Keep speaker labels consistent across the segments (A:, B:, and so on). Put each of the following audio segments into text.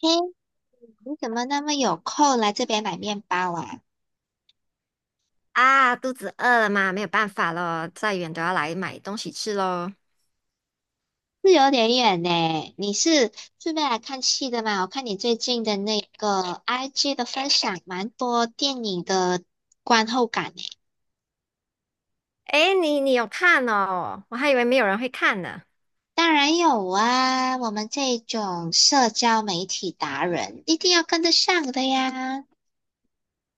A: 嘿，你怎么那么有空来这边买面包啊？
B: 啊，肚子饿了吗？没有办法咯，再远都要来买东西吃咯。
A: 是有点远呢。你是顺便来看戏的吗？我看你最近的那个 IG 的分享，蛮多电影的观后感呢。
B: 诶，你有看哦？我还以为没有人会看呢。
A: 当然有啊，我们这种社交媒体达人一定要跟得上的呀。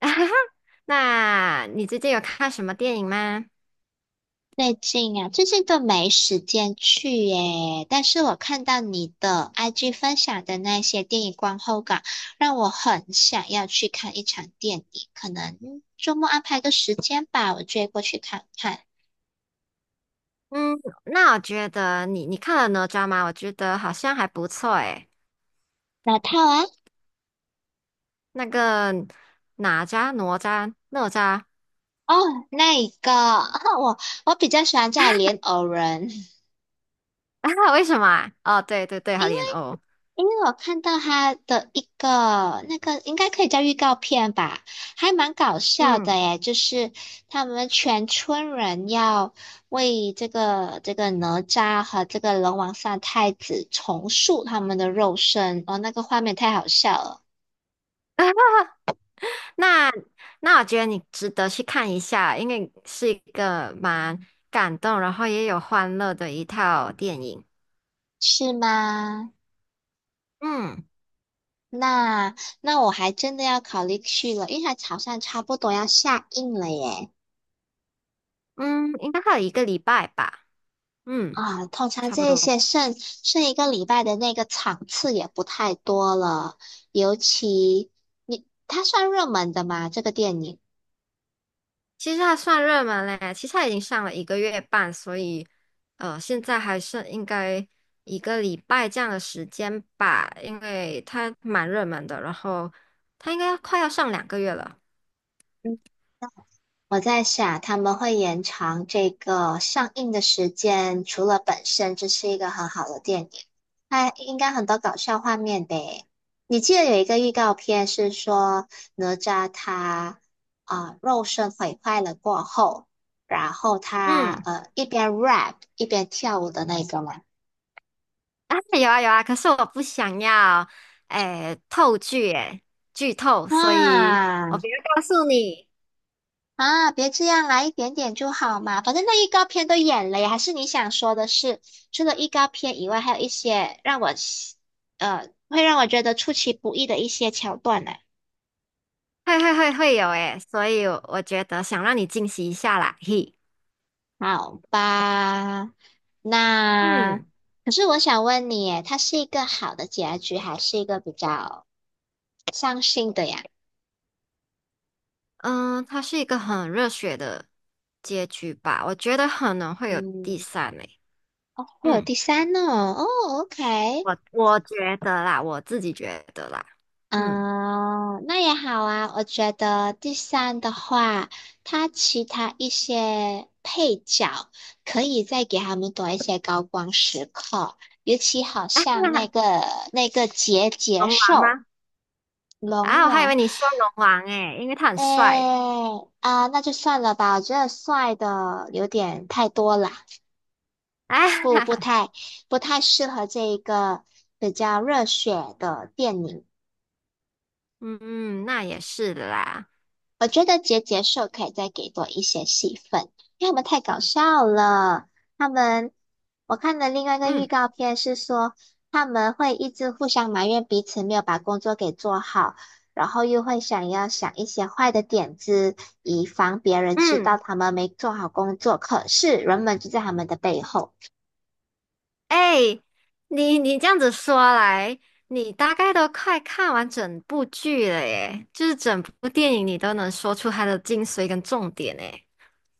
B: 那你最近有看什么电影吗？
A: 最近啊，最近都没时间去耶。但是我看到你的 IG 分享的那些电影观后感，让我很想要去看一场电影。可能周末安排个时间吧，我追过去看看。
B: 嗯，那我觉得你看了哪吒吗？我觉得好像还不错诶。
A: 哪套啊？
B: 那个哪吒、哪吒、哪吒，
A: 哦，那一个，我我比较喜欢叫莲藕人。
B: 为什么啊？哦，对对对，
A: 因
B: 他莲藕。哦。
A: 因为我看到他的一个那个应该可以叫预告片吧，还蛮搞笑的
B: 嗯，
A: 耶。就是他们全村人要为这个哪吒和这个龙王三太子重塑他们的肉身，哦，那个画面太好笑了，
B: 那那我觉得你值得去看一下，因为是一个蛮感动，然后也有欢乐的一套电影。
A: 是吗？
B: 嗯
A: 那那我还真的要考虑去了，因为它好像差不多要下映了耶。
B: 嗯，应该还有一个礼拜吧。嗯，
A: 啊，通常
B: 差不
A: 这
B: 多。
A: 些剩一个礼拜的那个场次也不太多了，尤其你它算热门的吗？这个电影？
B: 其实还算热门嘞，其实它已经上了一个月半，所以现在还剩应该一个礼拜这样的时间吧，因为它蛮热门的，然后它应该快要上2个月了。
A: 我在想，他们会延长这个上映的时间，除了本身这是一个很好的电影，它应该很多搞笑画面呗。你记得有一个预告片是说哪吒他肉身毁坏了过后，然后他
B: 嗯。
A: 一边 rap 一边跳舞的那个吗？
B: 啊，有啊有啊，可是我不想要，诶，透剧诶，剧透，所以
A: 啊！
B: 我不要告诉你，
A: 啊，别这样啦，一点点就好嘛。反正那预告片都演了呀，还是你想说的是，除了预告片以外，还有一些让我会让我觉得出其不意的一些桥段呢。
B: 会有诶，所以我觉得想让你惊喜一下啦，嘿，
A: 好吧，那
B: 嗯
A: 可是我想问你耶，它是一个好的结局，还是一个比较伤心的呀？
B: 嗯，他是一个很热血的结局吧，我觉得可能会有第
A: 嗯，
B: 三诶，
A: 会有
B: 嗯，
A: 第三呢？哦，OK。
B: 我觉得啦，我自己觉得啦，嗯，
A: 嗯，那也好啊。我觉得第三的话，它其他一些配角可以再给他们多一些高光时刻，尤其 好
B: 啊，
A: 像那个结节
B: 龙王
A: 兽
B: 吗？
A: 龙
B: 啊，我还以为
A: 王，
B: 你说龙王诶，因为他很帅，
A: 哎啊，那就算了吧。我觉得帅的有点太多了，
B: 啊。
A: 不
B: 哈
A: 不
B: 哈。
A: 太不太适合这一个比较热血的电影。
B: 嗯，嗯，那也是的啦。
A: 我觉得结节兽可以再给多一些戏份，因为他们太搞笑了。他们，我看的另外一个预
B: 嗯
A: 告片是说，他们会一直互相埋怨彼此没有把工作给做好，然后又会想要想一些坏的点子，以防别人知道
B: 嗯，
A: 他们没做好工作。可是人们就在他们的背后。
B: 哎，你这样子说来，你大概都快看完整部剧了耶，就是整部电影你都能说出它的精髓跟重点诶。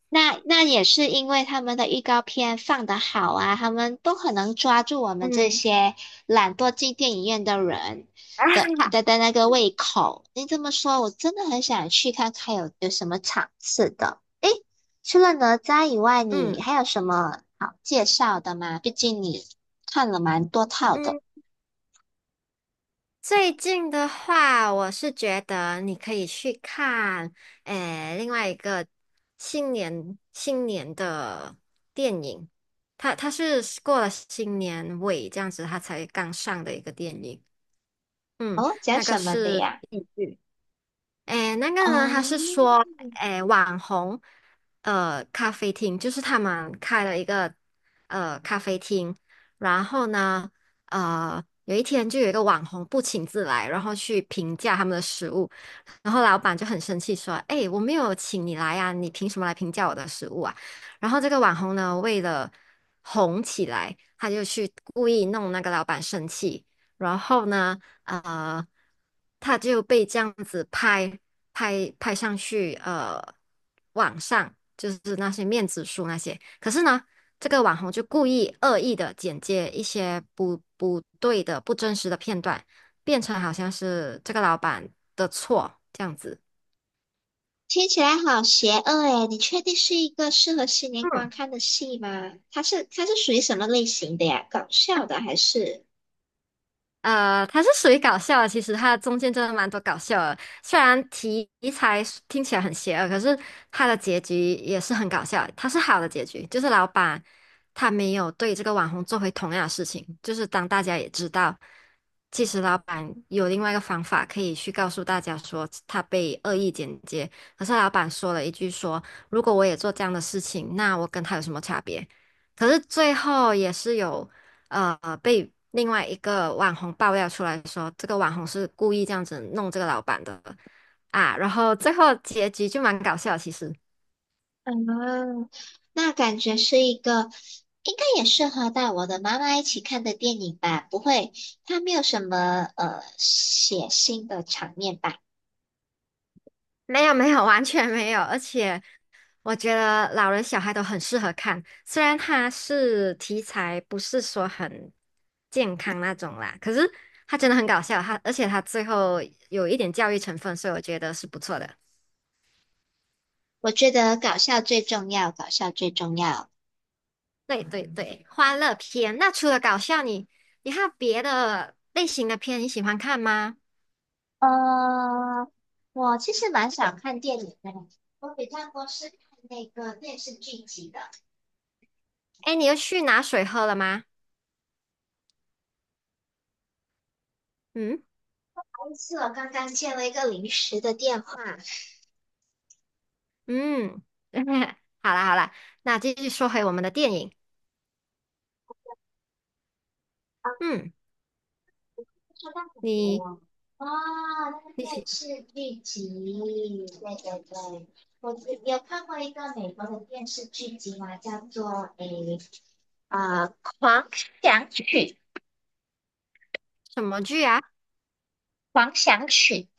A: 那也是因为他们的预告片放得好啊，他们都很能抓住我们这
B: 嗯，
A: 些懒惰进电影院的人 的
B: 啊，
A: 的的那个胃口。你这么说，我真的很想去看看有什么场次的。除了哪吒以外，你
B: 嗯
A: 还有什么好介绍的吗？毕竟你看了蛮多套的。
B: 嗯。最近的话，我是觉得你可以去看，诶，另外一个新年的电影，它是过了新年尾这样子，它才刚上的一个电影，嗯，
A: 哦，讲
B: 那个
A: 什么的
B: 是。
A: 呀？
B: 诶，那个呢，他是
A: 嗯，
B: 说，诶，网红，咖啡厅，就是他们开了一个咖啡厅，然后呢，有一天就有一个网红不请自来，然后去评价他们的食物，然后老板就很生气说，诶，我没有请你来呀，你凭什么来评价我的食物啊？然后这个网红呢，为了红起来，他就去故意弄那个老板生气。然后呢，呃，他就被这样子拍上去，网上就是那些面子书那些。可是呢，这个网红就故意恶意的剪接一些不对的、不真实的片段，变成好像是这个老板的错这样子。
A: 听起来好邪恶诶，你确定是一个适合新年观
B: 嗯。
A: 看的戏吗？它是属于什么类型的呀？搞笑的还是？
B: 它是属于搞笑的，其实它中间真的蛮多搞笑的。虽然题材是听起来很邪恶，可是它的结局也是很搞笑。它是好的结局，就是老板他没有对这个网红做回同样的事情，就是当大家也知道，其实老板有另外一个方法可以去告诉大家说他被恶意剪接，可是老板说了一句说，如果我也做这样的事情，那我跟他有什么差别？可是最后也是有。被另外一个网红爆料出来说，这个网红是故意这样子弄这个老板的啊，然后最后结局就蛮搞笑，其实
A: 啊，那感觉是一个应该也适合带我的妈妈一起看的电影吧？不会，它没有什么血腥的场面吧？
B: 没有没有完全没有，而且我觉得老人小孩都很适合看，虽然它是题材不是说很健康那种啦，可是它真的很搞笑，而且它最后有一点教育成分，所以我觉得是不错的。
A: 我觉得搞笑最重要，搞笑最重要。
B: 对对对，欢乐片。那除了搞笑，你还有别的类型的片你喜欢看吗？
A: 呃，我其实蛮想看电影的，我比较多是看那个电视剧集的。
B: 哎，你又去拿水喝了吗？嗯
A: 是司我刚刚接了一个临时的电话，
B: 嗯，好啦好啦，那继续说回我们的电影。嗯，
A: 收到什
B: 你
A: 么了？哦，
B: 你
A: 那个
B: 喜
A: 是剧集，对对对，我有看过一个美国的电视剧集嘛，叫做狂想曲》，
B: 什么剧啊？
A: 狂想曲，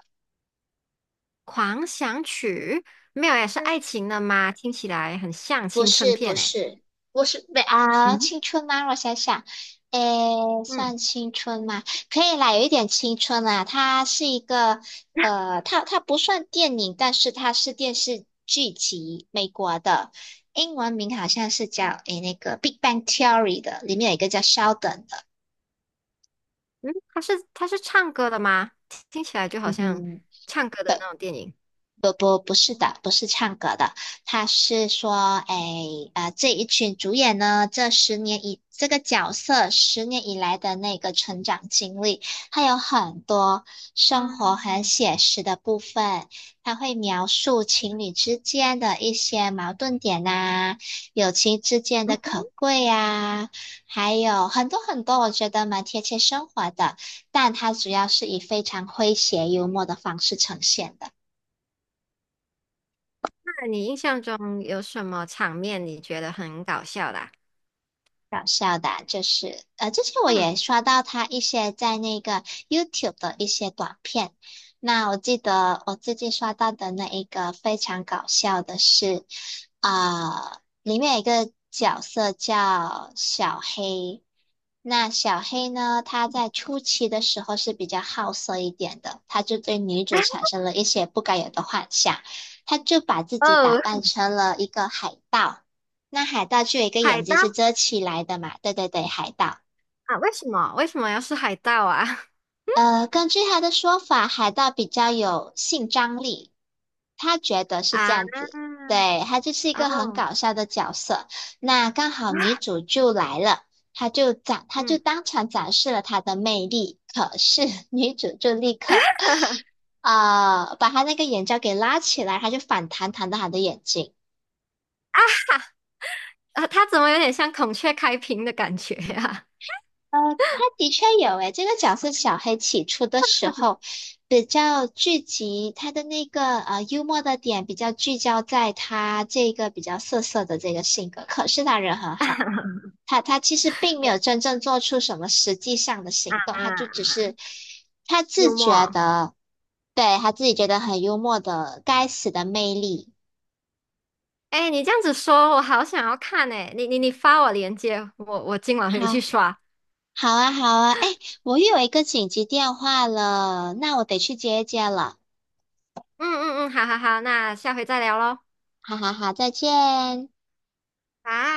B: 《狂想曲》没有也是
A: 嗯
B: 爱情的吗？听起来很像
A: 不
B: 青春
A: 是
B: 片
A: 不
B: 诶。
A: 是，不是没啊，
B: 嗯
A: 青春吗？我想想，诶，
B: 嗯
A: 算青春吗？可以啦，有一点青春啦。它是一个，它不算电影，但是它是电视剧集，美国的，英文名好像是叫《Big Bang Theory》的，里面有一个叫 Sheldon 的，
B: 嗯，它是唱歌的吗？听起来就好
A: 嗯
B: 像
A: 哼，
B: 唱歌的那种电影。
A: 不是的，不是唱歌的，他是说，哎，这一群主演呢，这十年以这个角色十年以来的那个成长经历，还有很多生活很
B: 嗯。
A: 写实的部分，他会描述情侣之间的一些矛盾点呐、友情之间的 可贵呀、还有很多很多，我觉得蛮贴切生活的，但它主要是以非常诙谐幽默的方式呈现的。
B: 那你印象中有什么场面你觉得很搞笑的啊？
A: 搞笑的啊就是之前我也
B: 嗯
A: 刷到他一些在那个 YouTube 的一些短片。那我记得我最近刷到的那一个非常搞笑的是，里面有一个角色叫小黑。那小黑呢，他在初期的时候是比较好色一点的，他就对女主产 生了一些不该有的幻想，他就把自己打
B: 哦，
A: 扮成了一个海盗。那海盗就有一个
B: 海
A: 眼
B: 盗
A: 睛是遮起来的嘛？对对对，海盗。
B: 啊？为什么？为什么要是海盗啊？
A: 根据他的说法，海盗比较有性张力，他觉得是这
B: 啊，
A: 样子。对，他就是一个很
B: 哦，
A: 搞笑的角色。那刚好女 主就来了，他就
B: 嗯，
A: 当场展示了他的魅力。可是 女主就立刻把他那个眼罩给拉起来，他就反弹弹到他的眼睛。
B: 啊，他怎么有点像孔雀开屏的感觉呀、
A: 呃，他的确有诶，这个角色小黑起初的时候比较聚集他的那个幽默的点，比较聚焦在他这个比较涩涩的这个性格。可是他人很好，他其实并没有真正做出什么实际上的
B: 啊？
A: 行动，他就只
B: 啊
A: 是他自
B: 幽
A: 觉
B: 默。
A: 的，对，他自己觉得很幽默的该死的魅力。
B: 哎，你这样子说，我好想要看哎！你发我链接，我今晚回去
A: 好，
B: 刷。
A: 好啊，好啊，哎，我有一个紧急电话了，那我得去接一接了。
B: 嗯嗯嗯，好好好，那下回再聊喽。
A: 哈哈哈！再见。
B: 啊。